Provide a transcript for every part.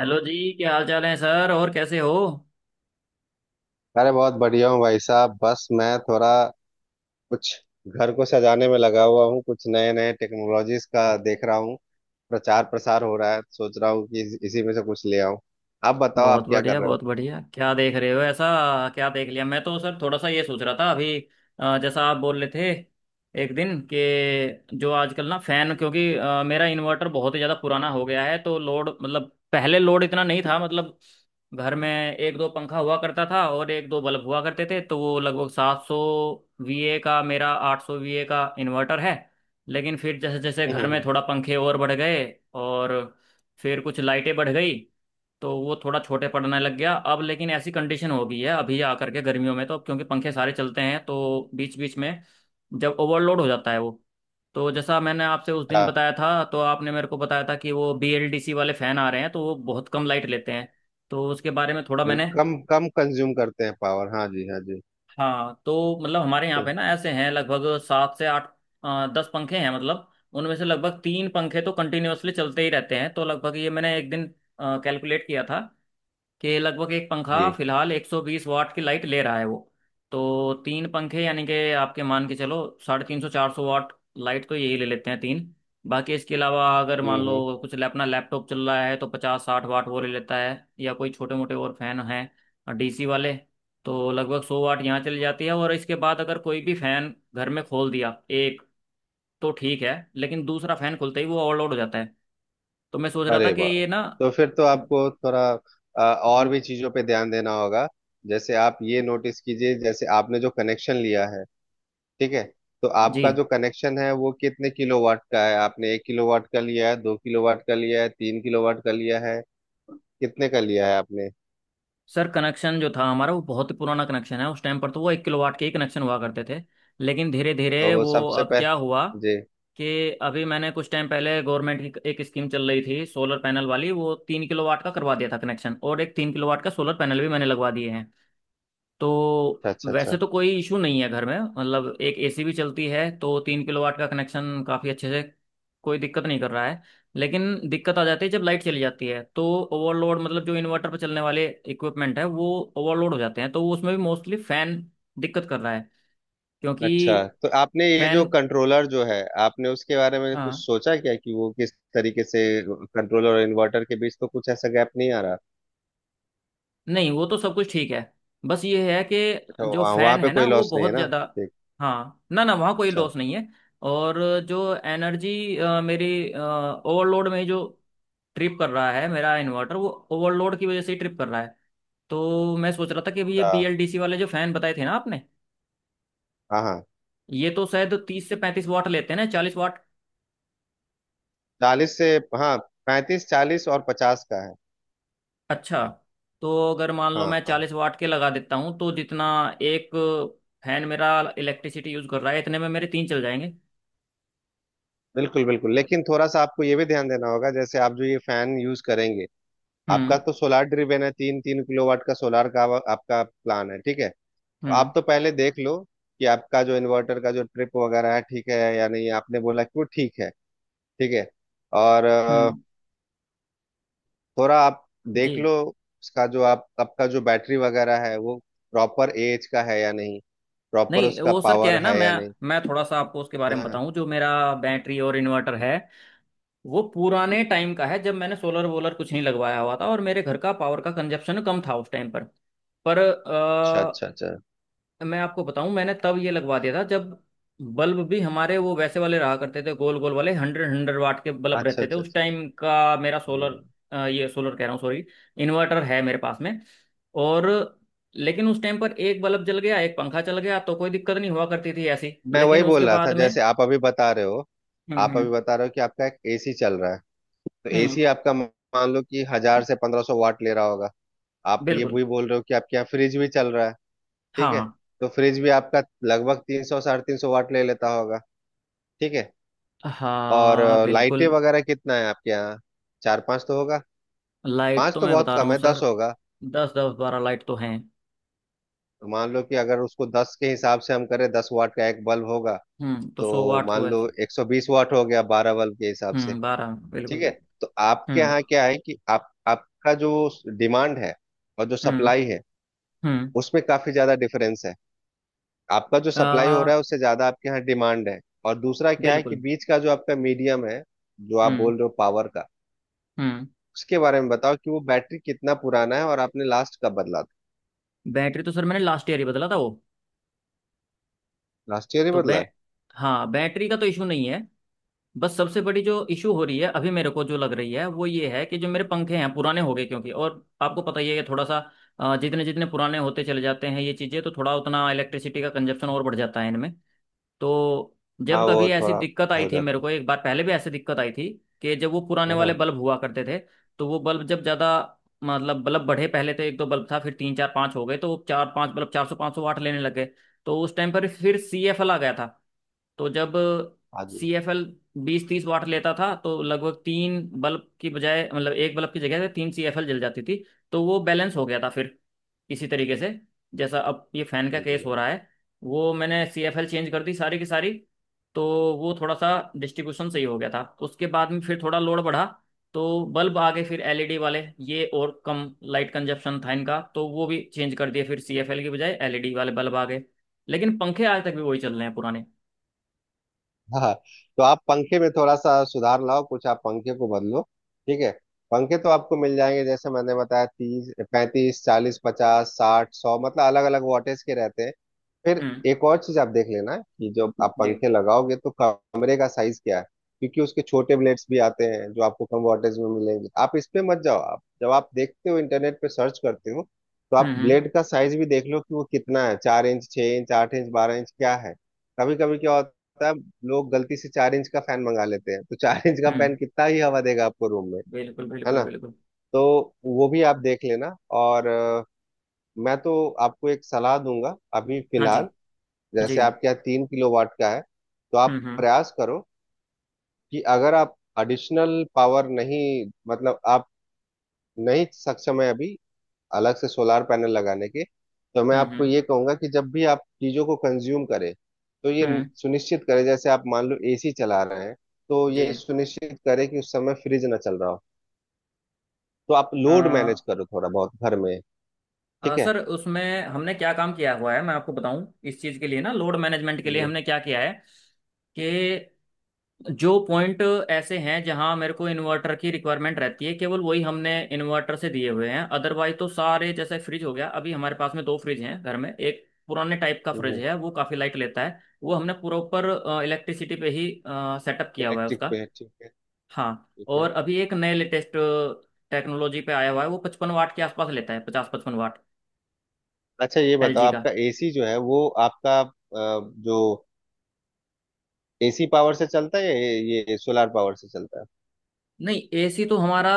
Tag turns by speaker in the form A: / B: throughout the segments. A: Hello जी, क्या हाल चाल है सर? और कैसे हो?
B: अरे बहुत बढ़िया हूँ भाई साहब। बस मैं थोड़ा कुछ घर को सजाने में लगा हुआ हूँ। कुछ नए नए टेक्नोलॉजीज का देख रहा हूँ। प्रचार प्रसार हो रहा है। सोच रहा हूँ कि इसी में से कुछ ले आऊँ। आप बताओ,
A: बहुत
B: आप क्या कर
A: बढ़िया,
B: रहे हो?
A: बहुत बढ़िया। क्या देख रहे हो ऐसा, क्या देख लिया? मैं तो सर थोड़ा सा ये सोच रहा था अभी, जैसा आप बोल रहे थे एक दिन, कि जो आजकल ना फैन, क्योंकि मेरा इन्वर्टर बहुत ही ज़्यादा पुराना हो गया है। तो लोड, मतलब पहले लोड इतना नहीं था, मतलब घर में एक दो पंखा हुआ करता था और एक दो बल्ब हुआ करते थे, तो वो लगभग 700 वीए का, मेरा 800 वीए का इन्वर्टर है। लेकिन फिर जैसे जैसे
B: हम्म
A: घर
B: हम्म,
A: में
B: हम्म।
A: थोड़ा पंखे और बढ़ गए, और फिर कुछ लाइटें बढ़ गई, तो वो थोड़ा छोटे पड़ने लग गया। अब लेकिन ऐसी कंडीशन हो गई है अभी आकर के गर्मियों में, तो अब क्योंकि पंखे सारे चलते हैं तो बीच बीच में जब ओवरलोड हो जाता है वो। तो जैसा मैंने आपसे उस दिन
B: हाँ,
A: बताया था, तो आपने मेरे को बताया था कि वो BLDC वाले फैन आ रहे हैं तो वो बहुत कम लाइट लेते हैं, तो उसके बारे में थोड़ा मैंने।
B: बिल्कुल कम कम कंज्यूम करते हैं पावर। हाँ जी, हाँ जी।
A: हाँ, तो मतलब हमारे यहाँ
B: तो-
A: पे ना ऐसे हैं लगभग सात से आठ दस पंखे हैं, मतलब उनमें से लगभग तीन पंखे तो कंटिन्यूअसली चलते ही रहते हैं। तो लगभग ये मैंने एक दिन कैलकुलेट किया था कि लगभग एक पंखा
B: जी।
A: फिलहाल 120 वाट की लाइट ले रहा है वो। तो तीन पंखे यानी कि आपके मान के चलो, साढ़े तीन सौ चार सौ वाट लाइट तो यही ले लेते हैं तीन। बाकी इसके अलावा अगर मान
B: हम्म हम्म
A: लो कुछ अपना लैपटॉप चल रहा है तो पचास साठ वाट वो ले लेता है, या कोई छोटे मोटे और फैन हैं डीसी वाले, तो लगभग 100 वाट यहाँ चली जाती है। और इसके बाद अगर कोई भी फैन घर में खोल दिया एक, तो ठीक है, लेकिन दूसरा फैन खुलते ही वो ओवरलोड हो जाता है। तो मैं सोच रहा था
B: अरे
A: कि
B: वाह!
A: ये ना।
B: तो फिर तो आपको थोड़ा और भी चीजों पे ध्यान देना होगा। जैसे आप ये नोटिस कीजिए, जैसे आपने जो कनेक्शन लिया है, ठीक है? तो
A: जी।
B: आपका जो कनेक्शन है वो कितने किलोवाट का है? आपने एक किलोवाट का लिया है, दो किलोवाट का लिया है, तीन किलोवाट का लिया है? कितने का लिया है आपने?
A: सर, कनेक्शन जो था हमारा वो बहुत ही पुराना कनेक्शन है, उस टाइम पर तो वो एक किलोवाट के ही कनेक्शन हुआ करते थे। लेकिन धीरे धीरे
B: तो
A: वो,
B: सबसे
A: अब क्या हुआ
B: पहले जी,
A: कि अभी मैंने कुछ टाइम पहले गवर्नमेंट की एक स्कीम चल रही थी सोलर पैनल वाली, वो तीन किलोवाट का करवा दिया था कनेक्शन, और एक तीन किलोवाट का सोलर पैनल भी मैंने लगवा दिए हैं। तो
B: अच्छा अच्छा
A: वैसे
B: अच्छा।
A: तो कोई इशू नहीं है घर में, मतलब एक एसी भी चलती है तो तीन किलोवाट का कनेक्शन काफ़ी अच्छे से, कोई दिक्कत नहीं कर रहा है। लेकिन दिक्कत आ जाती है जब लाइट चली जाती है, तो ओवरलोड, मतलब जो इन्वर्टर पर चलने वाले इक्विपमेंट है वो ओवरलोड हो जाते हैं, तो उसमें भी मोस्टली फैन दिक्कत कर रहा है, क्योंकि
B: अच्छा तो आपने ये जो
A: फैन।
B: कंट्रोलर जो है, आपने उसके बारे में कुछ
A: हाँ।
B: सोचा क्या कि वो किस तरीके से कंट्रोलर और इन्वर्टर के बीच तो कुछ ऐसा गैप नहीं आ रहा?
A: नहीं, वो तो सब कुछ ठीक है, बस ये है कि
B: अच्छा,
A: जो
B: वहाँ
A: फैन
B: वहाँ पे
A: है ना
B: कोई
A: वो
B: लॉस नहीं है
A: बहुत
B: ना,
A: ज़्यादा।
B: ठीक।
A: हाँ, ना ना, वहाँ कोई
B: अच्छा।
A: लॉस नहीं है। और जो एनर्जी मेरी, ओवरलोड में जो ट्रिप कर रहा है मेरा इन्वर्टर, वो ओवरलोड की वजह से ही ट्रिप कर रहा है। तो मैं सोच रहा था कि अभी ये
B: अच्छा।
A: BLDC वाले जो फैन बताए थे ना आपने,
B: हाँ हाँ।
A: ये तो शायद तीस से पैंतीस वाट लेते हैं ना, 40 वाट।
B: चालीस से। हाँ, पैंतीस, चालीस और पचास का है।
A: अच्छा, तो अगर मान लो
B: हाँ
A: मैं
B: हाँ।
A: 40 वाट के लगा देता हूँ तो जितना एक फैन मेरा इलेक्ट्रिसिटी यूज कर रहा है, इतने में मेरे तीन चल जाएंगे।
B: बिल्कुल बिल्कुल, लेकिन थोड़ा सा आपको ये भी ध्यान देना होगा जैसे आप जो ये फैन यूज करेंगे। आपका
A: हम्म,
B: तो सोलार ड्रिवेन है, तीन तीन किलोवाट का सोलार का आपका प्लान है, ठीक है। तो आप
A: हम्म,
B: तो पहले देख लो कि आपका जो इन्वर्टर का जो ट्रिप वगैरह है, ठीक है या नहीं। आपने बोला कि वो ठीक है, ठीक है। और
A: हम्म।
B: थोड़ा आप देख
A: जी।
B: लो उसका जो आप आपका जो बैटरी वगैरह है, वो प्रॉपर एएच का है या नहीं, प्रॉपर
A: नहीं,
B: उसका
A: वो सर क्या
B: पावर
A: है ना,
B: है
A: मैं
B: या नहीं।
A: मैं थोड़ा सा आपको उसके बारे में
B: हाँ,
A: बताऊं जो मेरा बैटरी और इन्वर्टर है। वो पुराने टाइम का है जब मैंने सोलर वोलर कुछ नहीं लगवाया हुआ था, और मेरे घर का पावर का कंजप्शन कम था उस टाइम पर। पर
B: अच्छा अच्छा अच्छा।
A: मैं आपको बताऊं, मैंने तब ये लगवा दिया था जब बल्ब भी हमारे वो वैसे वाले रहा करते थे, गोल गोल वाले हंड्रेड हंड्रेड वाट के बल्ब
B: अच्छा
A: रहते थे
B: अच्छा
A: उस
B: अच्छा।
A: टाइम का। मेरा
B: अच्छा।
A: सोलर, ये सोलर कह रहा हूँ सॉरी, इन्वर्टर है मेरे पास में। और लेकिन उस टाइम पर एक बल्ब जल गया, एक पंखा चल गया, तो कोई दिक्कत नहीं हुआ करती थी ऐसी,
B: मैं वही
A: लेकिन उसके
B: बोल रहा
A: बाद
B: था
A: में।
B: जैसे आप अभी बता रहे हो।
A: हम्म,
B: आप
A: हम्म,
B: अभी बता रहे हो कि आपका एक एसी चल रहा है। तो
A: हम्म।
B: एसी आपका मान लो कि हजार से पंद्रह सौ वाट ले रहा होगा। आप ये
A: बिल्कुल।
B: भी बोल रहे हो कि आपके यहाँ फ्रिज भी चल रहा है, ठीक है।
A: हाँ,
B: तो फ्रिज भी आपका लगभग तीन सौ, साढ़े तीन सौ वाट ले लेता होगा, ठीक है। और
A: हाँ।
B: लाइटें
A: बिल्कुल।
B: वगैरह कितना है आपके यहाँ? चार पांच तो होगा।
A: लाइट
B: पांच
A: तो
B: तो
A: मैं
B: बहुत
A: बता रहा
B: कम
A: हूँ
B: है,
A: सर,
B: दस होगा।
A: दस दस बारह लाइट तो हैं।
B: तो मान लो कि अगर उसको दस के हिसाब से हम करें, दस वाट का एक बल्ब होगा,
A: हम्म, तो
B: तो
A: सौ वाट तो
B: मान लो
A: वैसे।
B: एक सौ बीस वाट हो गया बारह बल्ब के हिसाब से,
A: हम्म, बारह, बिल्कुल
B: ठीक है।
A: बिल्कुल।
B: तो आपके
A: हम्म,
B: यहाँ क्या है कि आप आपका जो डिमांड है और जो
A: हम्म,
B: सप्लाई है,
A: हम्म।
B: उसमें काफी ज्यादा डिफरेंस है। आपका जो सप्लाई हो
A: आ,
B: रहा है उससे ज्यादा आपके यहाँ डिमांड है। और दूसरा क्या है कि
A: बिल्कुल।
B: बीच का जो आपका मीडियम है, जो आप बोल
A: हम्म,
B: रहे हो पावर का,
A: हम्म।
B: उसके बारे में बताओ कि वो बैटरी कितना पुराना है और आपने लास्ट कब बदला था।
A: बैटरी तो सर, मैंने लास्ट ईयर ही बदला था वो।
B: लास्ट ईयर ही
A: तो बै
B: बदला है।
A: हाँ, बैटरी का तो इशू नहीं है। बस सबसे बड़ी जो इशू हो रही है अभी, मेरे को जो लग रही है वो ये है कि जो मेरे पंखे हैं पुराने हो गए, क्योंकि और आपको पता ही है कि थोड़ा सा जितने जितने पुराने होते चले जाते हैं ये चीज़ें, तो थोड़ा उतना इलेक्ट्रिसिटी का कंजप्शन और बढ़ जाता है इनमें। तो
B: हाँ,
A: जब कभी
B: वो
A: ऐसी
B: थोड़ा
A: दिक्कत आई
B: हो
A: थी मेरे
B: जाता
A: को, एक बार पहले भी ऐसी दिक्कत आई थी कि जब वो पुराने
B: है।
A: वाले
B: हाँ
A: बल्ब हुआ करते थे, तो वो बल्ब जब ज़्यादा, मतलब बल्ब बढ़े, पहले तो एक दो बल्ब था फिर तीन चार पाँच हो गए, तो वो चार पाँच बल्ब चार सौ पाँच सौ वाट लेने लगे। तो उस टाइम पर फिर सी एफ एल आ गया था, तो जब
B: हाँ जी।
A: सी एफ एल बीस तीस वाट लेता था, तो लगभग तीन बल्ब की बजाय, मतलब एक बल्ब की जगह पे तीन सी एफ एल जल जाती थी, तो वो बैलेंस हो गया था फिर। इसी तरीके से जैसा अब ये फैन का
B: सही
A: केस
B: बोला।
A: हो रहा है, वो मैंने सी एफ एल चेंज कर दी सारी की सारी। तो वो थोड़ा सा डिस्ट्रीब्यूशन सही हो गया था उसके बाद में। फिर थोड़ा लोड बढ़ा, तो बल्ब आ गए फिर एलईडी वाले, ये और कम लाइट कंजप्शन था इनका, तो वो भी चेंज कर दिए, फिर सीएफएल की बजाय एलईडी वाले बल्ब आ गए। लेकिन पंखे आज तक भी वही चल रहे हैं पुराने।
B: हाँ, तो आप पंखे में थोड़ा सा सुधार लाओ, कुछ आप पंखे को बदलो, ठीक है। पंखे तो आपको मिल जाएंगे, जैसे मैंने बताया, तीस, पैंतीस, चालीस, पचास, साठ, सौ मतलब अलग अलग वॉटेज के रहते हैं। फिर
A: हम्म।
B: एक और चीज आप देख लेना कि जब आप
A: जी।
B: पंखे लगाओगे तो कमरे का साइज क्या है, क्योंकि उसके छोटे ब्लेड्स भी आते हैं जो आपको कम वॉटेज में मिलेंगे। आप इस पे मत जाओ, आप जब आप देखते हो इंटरनेट पे सर्च करते हो, तो आप
A: हम्म, हम्म,
B: ब्लेड का साइज भी देख लो कि वो कितना है, चार इंच, छह इंच, आठ इंच, बारह इंच क्या है। कभी कभी क्या होता पता है, लोग गलती से चार इंच का फैन मंगा लेते हैं, तो चार इंच का फैन
A: हम्म।
B: कितना ही हवा देगा आपको रूम में,
A: बिल्कुल,
B: है
A: बिल्कुल,
B: ना।
A: बिल्कुल।
B: तो वो भी आप देख लेना। और मैं तो आपको एक सलाह दूंगा अभी
A: हाँ, जी,
B: फिलहाल,
A: जी।
B: जैसे आपके यहाँ तीन किलो वाट का है, तो
A: हम्म,
B: आप
A: हम्म,
B: प्रयास करो कि अगर आप एडिशनल पावर नहीं, मतलब आप नहीं सक्षम है अभी अलग से सोलार पैनल लगाने के, तो मैं
A: हम्म,
B: आपको
A: हम्म,
B: ये कहूंगा कि जब भी आप चीजों को कंज्यूम करें, तो ये
A: हम्म,
B: सुनिश्चित करें, जैसे आप मान लो एसी चला रहे हैं, तो ये
A: जी।
B: सुनिश्चित करें कि उस समय फ्रिज ना चल रहा हो। तो आप
A: अ,
B: लोड मैनेज करो थोड़ा बहुत घर में, ठीक है।
A: सर, उसमें हमने क्या काम किया हुआ है मैं आपको बताऊं। इस चीज़ के लिए ना, लोड मैनेजमेंट के लिए
B: ये,
A: हमने क्या किया है कि जो पॉइंट ऐसे हैं जहां मेरे को इन्वर्टर की रिक्वायरमेंट रहती है केवल वही हमने इन्वर्टर से दिए हुए हैं। अदरवाइज तो सारे, जैसे फ्रिज हो गया, अभी हमारे पास में दो फ्रिज हैं घर में। एक पुराने टाइप का फ्रिज
B: हम्म,
A: है वो काफ़ी लाइट लेता है, वो हमने प्रॉपर इलेक्ट्रिसिटी पे ही सेटअप किया हुआ है
B: इलेक्ट्रिक
A: उसका।
B: पे, ठीक है,
A: हाँ,
B: ठीक है।
A: और अभी एक नए लेटेस्ट टेक्नोलॉजी पे आया हुआ है, वो 55 वाट के आसपास लेता है, पचास पचपन वाट।
B: अच्छा ये बताओ,
A: एलजी का।
B: आपका एसी जो है वो आपका जो एसी पावर से चलता है या ये सोलार पावर से चलता है?
A: नहीं, एसी तो हमारा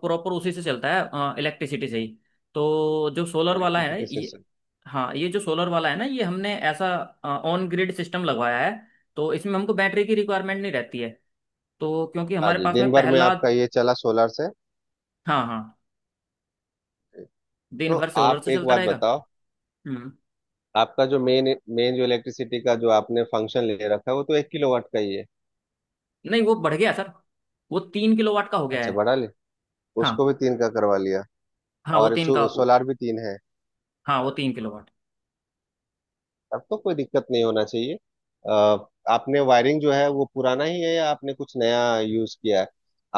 A: प्रॉपर उसी से चलता है, इलेक्ट्रिसिटी से ही। तो जो सोलर वाला है
B: इलेक्ट्रिसिटी से
A: ये,
B: चलता
A: हाँ, ये जो सोलर वाला है ना, ये हमने ऐसा ऑन ग्रिड सिस्टम लगवाया है। तो इसमें हमको बैटरी की रिक्वायरमेंट नहीं रहती है, तो क्योंकि
B: है। हाँ
A: हमारे
B: जी,
A: पास में
B: दिन भर में
A: पहला,
B: आपका ये चला सोलर से।
A: हाँ, हाँ, दिन
B: तो
A: भर सोलर
B: आप
A: से
B: एक
A: चलता
B: बात
A: रहेगा।
B: बताओ,
A: हम्म।
B: आपका जो मेन, मेन जो इलेक्ट्रिसिटी का जो आपने फंक्शन ले रखा है, वो तो एक किलोवाट का ही है?
A: नहीं, वो बढ़ गया सर, वो तीन किलोवाट का हो गया
B: अच्छा,
A: है।
B: बढ़ा ले, उसको
A: हाँ,
B: भी तीन का करवा लिया।
A: हाँ, वो
B: और
A: तीन का।
B: सोलार भी तीन है।
A: हाँ, वो तीन किलोवाट।
B: तब तो कोई दिक्कत नहीं होना चाहिए। आ, आपने वायरिंग जो है वो पुराना ही है या आपने कुछ नया यूज किया है?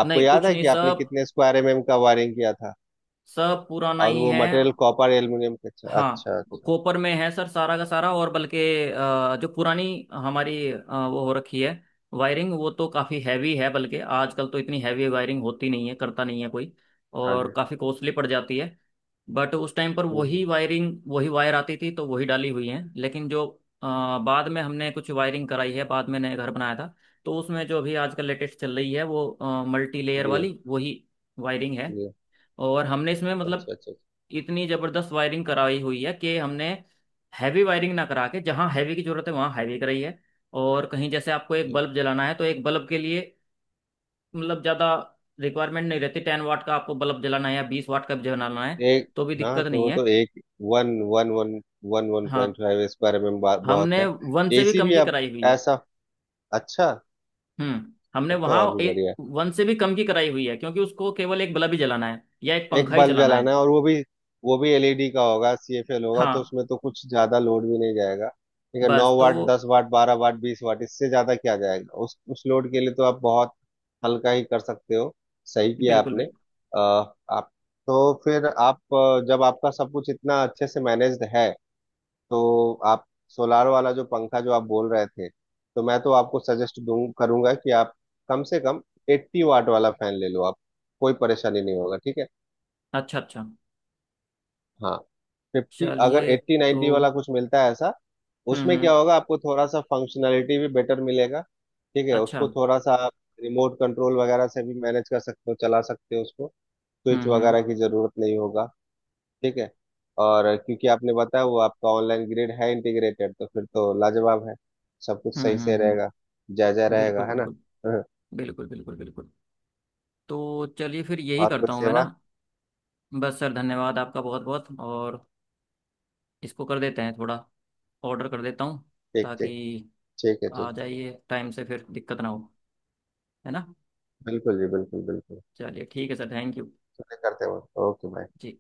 B: आपको
A: नहीं
B: याद
A: कुछ
B: है
A: नहीं,
B: कि आपने
A: सब
B: कितने स्क्वायर एमएम का वायरिंग किया था?
A: सब पुराना
B: और
A: ही
B: वो
A: है।
B: मटेरियल कॉपर एल्यूमिनियम का? अच्छा
A: हाँ,
B: अच्छा अच्छा।
A: कॉपर में है सर, सारा का सारा। और बल्कि जो पुरानी हमारी वो हो रखी है वायरिंग, वो तो काफ़ी हैवी है। बल्कि आजकल तो इतनी हैवी वायरिंग होती नहीं है, करता नहीं है कोई,
B: हाँ
A: और
B: जी।
A: काफ़ी कॉस्टली पड़ जाती है। बट उस टाइम पर
B: हम्म
A: वही
B: हम्म,
A: वायरिंग, वही वायर आती थी, तो वही डाली हुई है। लेकिन जो अ, बाद में हमने कुछ वायरिंग कराई है, बाद में नया घर बनाया था, तो उसमें जो अभी आजकल लेटेस्ट चल रही है, वो मल्टी लेयर
B: जी।
A: वाली वही वायरिंग है।
B: जी।
A: और हमने इसमें, मतलब
B: अच्छा अच्छा अच्छा।
A: इतनी जबरदस्त वायरिंग कराई हुई है कि हमने हैवी वायरिंग ना करा के जहाँ हैवी की जरूरत है वहाँ हैवी कराई है, और कहीं जैसे आपको एक
B: जी।
A: बल्ब जलाना है तो एक बल्ब के लिए मतलब ज्यादा रिक्वायरमेंट नहीं रहती। 10 वाट का आपको बल्ब जलाना है या 20 वाट का भी जलाना है,
B: एक,
A: तो भी
B: हाँ,
A: दिक्कत
B: तो
A: नहीं
B: वो
A: है।
B: तो एक one one one one one
A: हाँ,
B: पॉइंट फाइव इस बारे में बात बहुत
A: हमने
B: है।
A: वन से भी
B: एसी
A: कम
B: भी
A: की
B: अब
A: कराई हुई है।
B: ऐसा, अच्छा।
A: हम्म, हमने
B: अब तो और
A: वहाँ
B: भी बढ़िया
A: वन से भी कम की कराई हुई है, क्योंकि उसको केवल एक बल्ब ही जलाना है या एक
B: है, एक
A: पंखा ही
B: बल्ब
A: चलाना है।
B: जलाना है और वो भी एलईडी का होगा, सीएफएल होगा,
A: हाँ।
B: तो उसमें तो कुछ ज्यादा लोड भी नहीं जाएगा, ठीक है।
A: बस,
B: नौ
A: तो।
B: वाट, दस वाट, बारह वाट, बीस वाट इससे ज्यादा क्या जाएगा। उस लोड के लिए तो आप बहुत हल्का ही कर सकते हो। सही किया
A: बिल्कुल,
B: आपने।
A: बिल्कुल।
B: अ, आप, तो फिर आप जब आपका सब कुछ इतना अच्छे से मैनेज्ड है, तो आप सोलार वाला जो पंखा जो आप बोल रहे थे, तो मैं तो आपको सजेस्ट दूं करूंगा कि आप कम से कम 80 वाट वाला फैन ले लो आप, कोई परेशानी नहीं होगा, ठीक है।
A: अच्छा, अच्छा।
B: हाँ, फिफ्टी, अगर
A: चलिए,
B: 80
A: तो।
B: 90 वाला कुछ मिलता है ऐसा।
A: हम्म,
B: उसमें
A: हम्म।
B: क्या होगा आपको थोड़ा सा फंक्शनैलिटी भी बेटर मिलेगा, ठीक है।
A: अच्छा।
B: उसको थोड़ा सा आप रिमोट कंट्रोल वगैरह से भी मैनेज कर सकते हो, चला सकते हो उसको,
A: हम्म,
B: स्विच
A: हम्म,
B: वगैरह की जरूरत नहीं होगा, ठीक है। और क्योंकि आपने बताया वो आपका ऑनलाइन ग्रेड है इंटीग्रेटेड, तो फिर तो लाजवाब है, सब कुछ
A: हम्म।
B: सही
A: हम्म,
B: से रहेगा, जायजा
A: बिल्कुल,
B: रहेगा, है ना।
A: बिल्कुल,
B: हाँ,
A: बिल्कुल। बिल्कुल, बिल्कुल। तो चलिए, फिर यही
B: और कोई
A: करता हूँ मैं ना।
B: सेवा?
A: बस सर, धन्यवाद आपका बहुत बहुत। और इसको कर देते हैं थोड़ा, ऑर्डर कर देता हूँ,
B: ठीक
A: ताकि
B: ठीक, ठीक है,
A: आ
B: ठीक है,
A: जाइए टाइम से, फिर दिक्कत ना हो, है ना।
B: बिल्कुल जी, बिल्कुल बिल्कुल,
A: चलिए, ठीक है सर, थैंक यू।
B: चलिए करते हैं, ओके बाय।
A: जी।